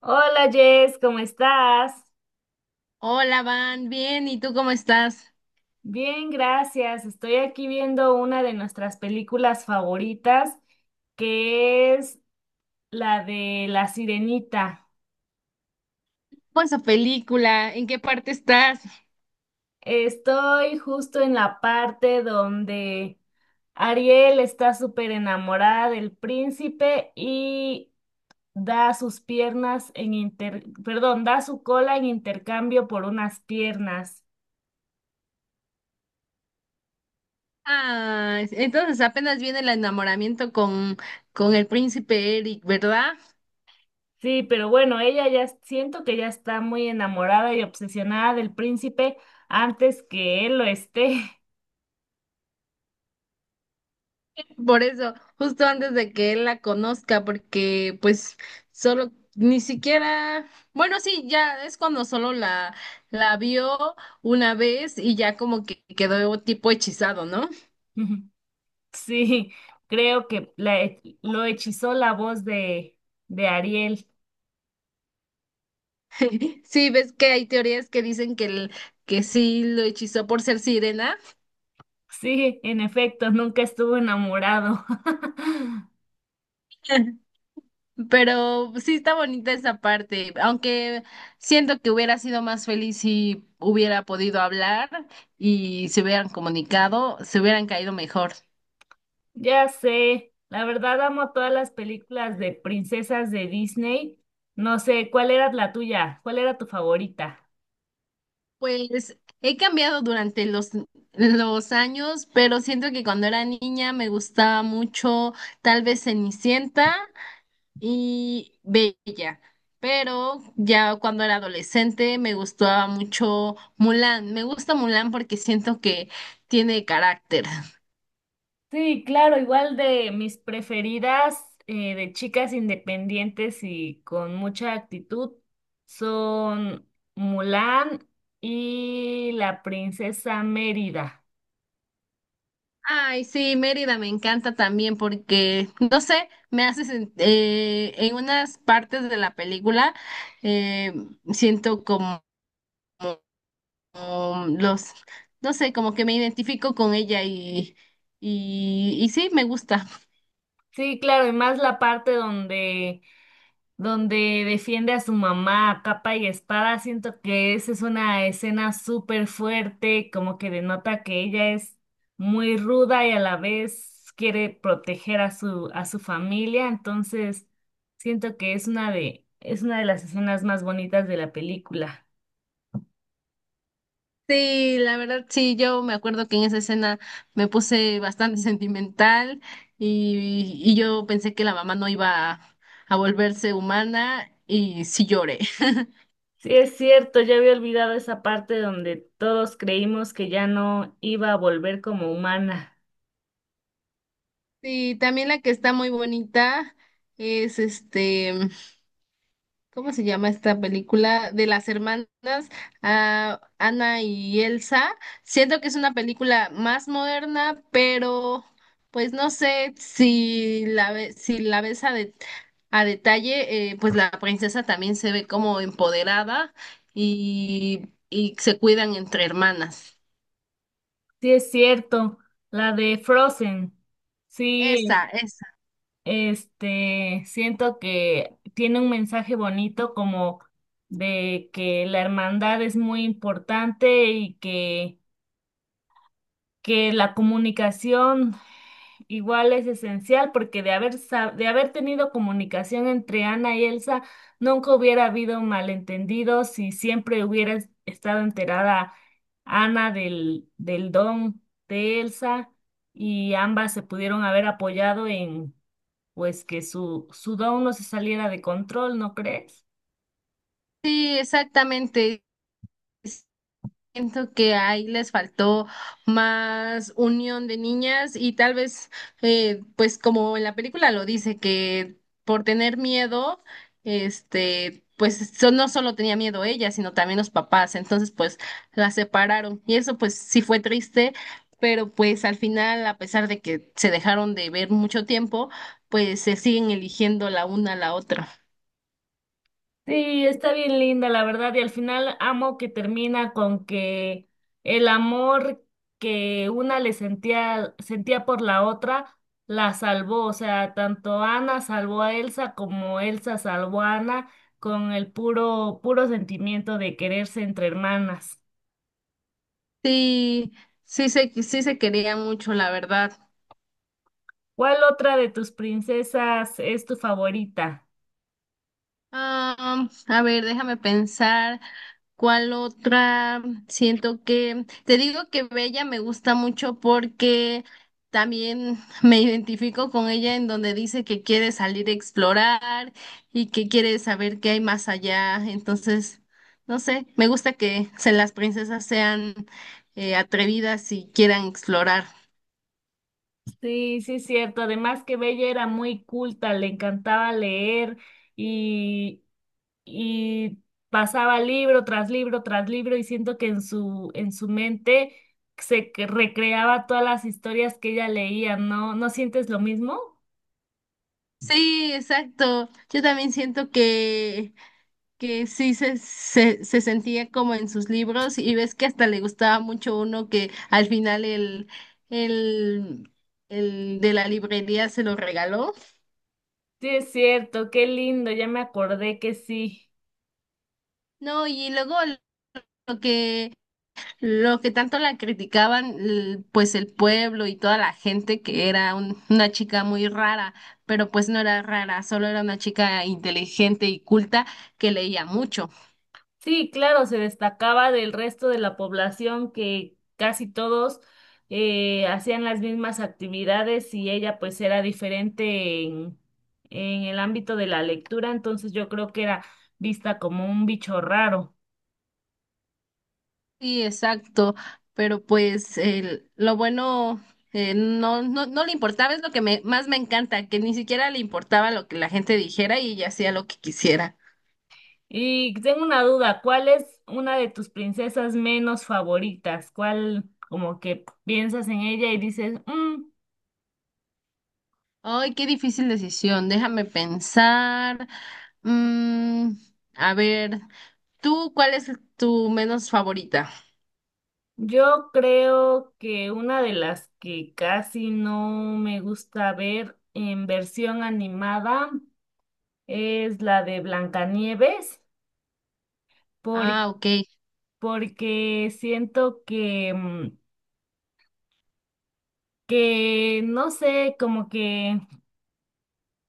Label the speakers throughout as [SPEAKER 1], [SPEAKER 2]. [SPEAKER 1] Hola Jess, ¿cómo estás?
[SPEAKER 2] Hola, Van, bien, ¿y tú cómo estás?
[SPEAKER 1] Bien, gracias. Estoy aquí viendo una de nuestras películas favoritas, que es la de La Sirenita.
[SPEAKER 2] ¿Cómo es esa película? ¿En qué parte estás?
[SPEAKER 1] Estoy justo en la parte donde Ariel está súper enamorada del príncipe y da sus piernas da su cola en intercambio por unas piernas.
[SPEAKER 2] Ah, entonces apenas viene el enamoramiento con el príncipe Eric, ¿verdad?
[SPEAKER 1] Sí, pero bueno, siento que ya está muy enamorada y obsesionada del príncipe antes que él lo esté.
[SPEAKER 2] Por eso, justo antes de que él la conozca, porque pues solo, ni siquiera, bueno, sí, ya es cuando solo la vio una vez y ya como que quedó tipo hechizado, ¿no?
[SPEAKER 1] Sí, creo que lo hechizó la voz de Ariel.
[SPEAKER 2] Sí, ves que hay teorías que dicen que sí lo hechizó por ser sirena.
[SPEAKER 1] Sí, en efecto, nunca estuvo enamorado.
[SPEAKER 2] Pero sí está bonita esa parte, aunque siento que hubiera sido más feliz si hubiera podido hablar y se hubieran comunicado, se hubieran caído mejor.
[SPEAKER 1] Ya sé, la verdad amo todas las películas de princesas de Disney. No sé, ¿cuál era la tuya? ¿Cuál era tu favorita?
[SPEAKER 2] Pues he cambiado durante los años, pero siento que cuando era niña me gustaba mucho tal vez Cenicienta y Bella. Pero ya cuando era adolescente me gustaba mucho Mulan. Me gusta Mulan porque siento que tiene carácter.
[SPEAKER 1] Sí, claro, igual de mis preferidas de chicas independientes y con mucha actitud son Mulan y la princesa Mérida.
[SPEAKER 2] Ay, sí, Mérida me encanta también porque, no sé, me hace en unas partes de la película eh, siento como, como no sé, como que me identifico con ella y sí, me gusta.
[SPEAKER 1] Sí, claro, y más la parte donde defiende a su mamá a capa y espada. Siento que esa es una escena súper fuerte, como que denota que ella es muy ruda y a la vez quiere proteger a a su familia. Entonces, siento que es una de las escenas más bonitas de la película.
[SPEAKER 2] Sí, la verdad, sí, yo me acuerdo que en esa escena me puse bastante sentimental y yo pensé que la mamá no a volverse humana y sí lloré.
[SPEAKER 1] Sí, es cierto, ya había olvidado esa parte donde todos creímos que ya no iba a volver como humana.
[SPEAKER 2] Sí, también la que está muy bonita es este, ¿cómo se llama esta película? De las hermanas, ah, Ana y Elsa. Siento que es una película más moderna, pero pues no sé si si la ves a detalle, pues la princesa también se ve como empoderada y se cuidan entre hermanas.
[SPEAKER 1] Sí, es cierto, la de Frozen. Sí.
[SPEAKER 2] Esa, esa.
[SPEAKER 1] Este, siento que tiene un mensaje bonito como de que la hermandad es muy importante que la comunicación igual es esencial porque de haber tenido comunicación entre Ana y Elsa, nunca hubiera habido malentendidos y siempre hubiera estado enterada Ana del don de Elsa y ambas se pudieron haber apoyado pues que su down no se saliera de control, ¿no crees?
[SPEAKER 2] Sí, exactamente. Siento que ahí les faltó más unión de niñas y tal vez, pues como en la película lo dice, que por tener miedo, pues no solo tenía miedo ella, sino también los papás, entonces pues la separaron y eso pues sí fue triste, pero pues al final, a pesar de que se dejaron de ver mucho tiempo, pues se siguen eligiendo la una a la otra.
[SPEAKER 1] Sí, está bien linda, la verdad, y al final amo que termina con que el amor que una sentía por la otra la salvó, o sea, tanto Ana salvó a Elsa como Elsa salvó a Ana con el puro sentimiento de quererse entre hermanas.
[SPEAKER 2] Sí, sí se quería mucho, la verdad.
[SPEAKER 1] ¿Cuál otra de tus princesas es tu favorita?
[SPEAKER 2] Ah, a ver, déjame pensar cuál otra. Siento que te digo que Bella me gusta mucho porque también me identifico con ella en donde dice que quiere salir a explorar y que quiere saber qué hay más allá. Entonces, no sé, me gusta que las princesas sean atrevidas y quieran explorar.
[SPEAKER 1] Sí, sí, es cierto. Además que Bella era muy culta, le encantaba leer y, y pasaba libro tras libro tras libro y siento que en en su mente recreaba todas las historias que ella leía, ¿no? ¿No sientes lo mismo?
[SPEAKER 2] Sí, exacto. Yo también siento que sí se sentía como en sus libros y ves que hasta le gustaba mucho uno que al final el, el de la librería se lo regaló.
[SPEAKER 1] Sí, es cierto, qué lindo, ya me acordé que sí.
[SPEAKER 2] No, y luego lo que, lo que tanto la criticaban, l- pues el pueblo y toda la gente que era una chica muy rara, pero pues no era rara, solo era una chica inteligente y culta que leía mucho.
[SPEAKER 1] Sí, claro, se destacaba del resto de la población que casi todos hacían las mismas actividades y ella pues era diferente en el ámbito de la lectura, entonces yo creo que era vista como un bicho raro.
[SPEAKER 2] Sí, exacto, pero pues el, lo bueno no, no, no le importaba, es lo que me, más me encanta, que ni siquiera le importaba lo que la gente dijera y ella hacía lo que quisiera.
[SPEAKER 1] Y tengo una duda, ¿cuál es una de tus princesas menos favoritas? ¿Cuál como que piensas en ella y dices, "Mm?
[SPEAKER 2] Ay, qué difícil decisión, déjame pensar. Mm, a ver, ¿tú cuál es tu menos favorita?
[SPEAKER 1] Yo creo que una de las que casi no me gusta ver en versión animada es la de Blancanieves, por-
[SPEAKER 2] Ah, ok.
[SPEAKER 1] porque siento que, mm, que no sé, como que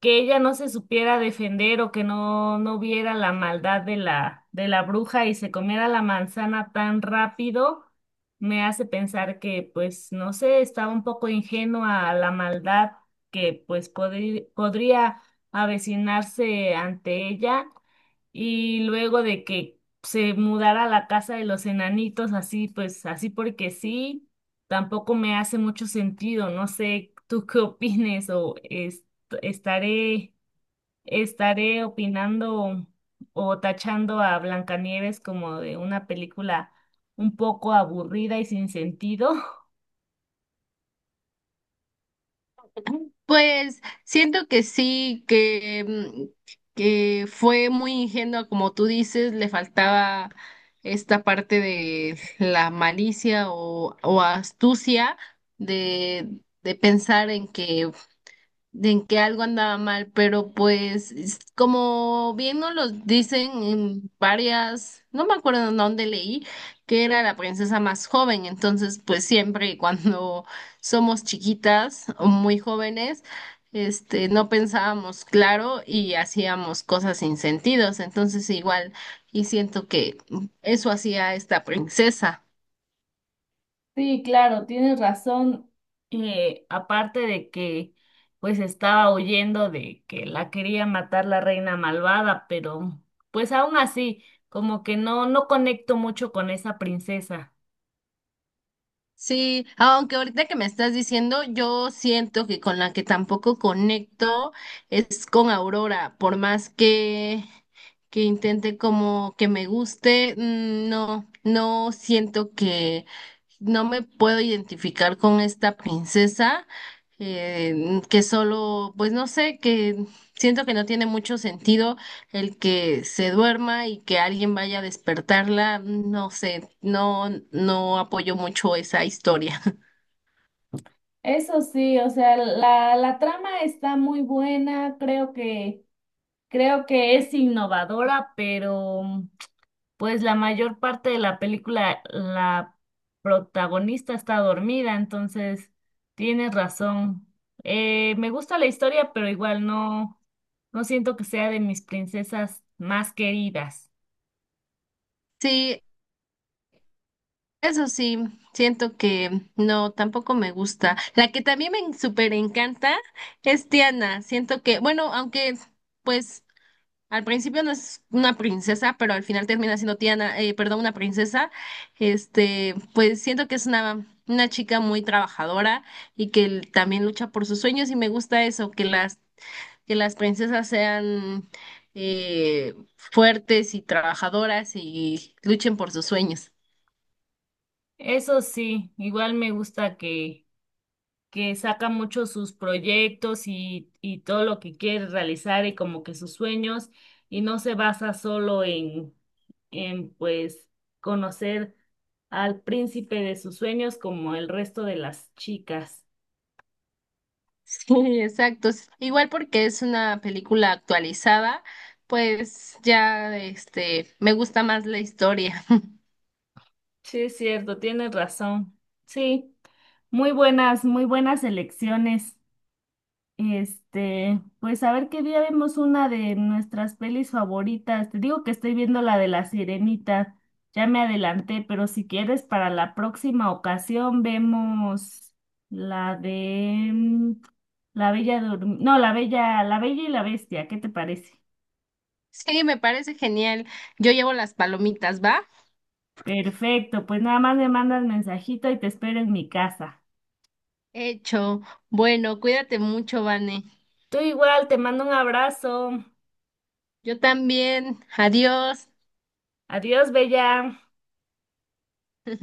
[SPEAKER 1] ella no se supiera defender o que no viera la maldad de de la bruja y se comiera la manzana tan rápido, me hace pensar que, pues, no sé, estaba un poco ingenua a la maldad que, pues, podría avecinarse ante ella y luego de que se mudara a la casa de los enanitos, así pues, así porque sí, tampoco me hace mucho sentido. No sé, tú qué opines o estaré, estaré opinando o tachando a Blancanieves como de una película un poco aburrida y sin sentido.
[SPEAKER 2] Pues siento que sí, que fue muy ingenua, como tú dices, le faltaba esta parte de la malicia o astucia de, de pensar en que de en que algo andaba mal, pero pues como bien nos lo dicen en varias, no me acuerdo en dónde leí, que era la princesa más joven, entonces pues siempre cuando somos chiquitas o muy jóvenes, no pensábamos claro y hacíamos cosas sin sentidos, entonces igual y siento que eso hacía esta princesa.
[SPEAKER 1] Sí, claro, tienes razón. Aparte de que pues estaba huyendo de que la quería matar la reina malvada, pero pues aún así, como que no, no conecto mucho con esa princesa.
[SPEAKER 2] Sí, aunque ahorita que me estás diciendo, yo siento que con la que tampoco conecto es con Aurora, por más que intente como que me guste, mm, no, no siento que, no me puedo identificar con esta princesa que solo, pues no sé, que siento que no tiene mucho sentido el que se duerma y que alguien vaya a despertarla, no sé, no, no apoyo mucho esa historia.
[SPEAKER 1] Eso sí, o sea, la trama está muy buena, creo que... Creo que es innovadora, pero pues la mayor parte de la película, la protagonista está dormida, entonces tienes razón. Me gusta la historia, pero igual no siento que sea de mis princesas más queridas.
[SPEAKER 2] Sí, eso sí, siento que no, tampoco me gusta. La que también me súper encanta es Tiana, siento que, bueno, aunque... Pues al principio no es una princesa, pero al final termina siendo Tiana, perdón, una princesa. Este, pues siento que es una chica muy trabajadora y que l- también lucha por sus sueños y me gusta eso, que las princesas sean fuertes y trabajadoras y luchen por sus sueños.
[SPEAKER 1] Eso sí, igual me gusta que saca mucho sus proyectos y todo lo que quiere realizar y como que sus sueños y no se basa solo en pues conocer al príncipe de sus sueños como el resto de las chicas.
[SPEAKER 2] Sí, exacto. S- Igual porque es una película actualizada, pues ya este, me gusta más la historia.
[SPEAKER 1] Sí, es cierto, tienes razón. Sí, muy buenas elecciones. Este, pues a ver qué día vemos una de nuestras pelis favoritas. Te digo que estoy viendo la de La Sirenita. Ya me adelanté, pero si quieres, para la próxima ocasión vemos la de mm, No, la Bella y la Bestia. ¿Qué te parece?
[SPEAKER 2] Sí, me parece genial. Yo llevo las palomitas, ¿va?
[SPEAKER 1] Perfecto, pues nada más me mandas mensajito y te espero en mi casa.
[SPEAKER 2] Hecho. Bueno, cuídate mucho, Vane.
[SPEAKER 1] Tú igual, te mando un abrazo.
[SPEAKER 2] Yo también. Adiós.
[SPEAKER 1] Adiós, Bella.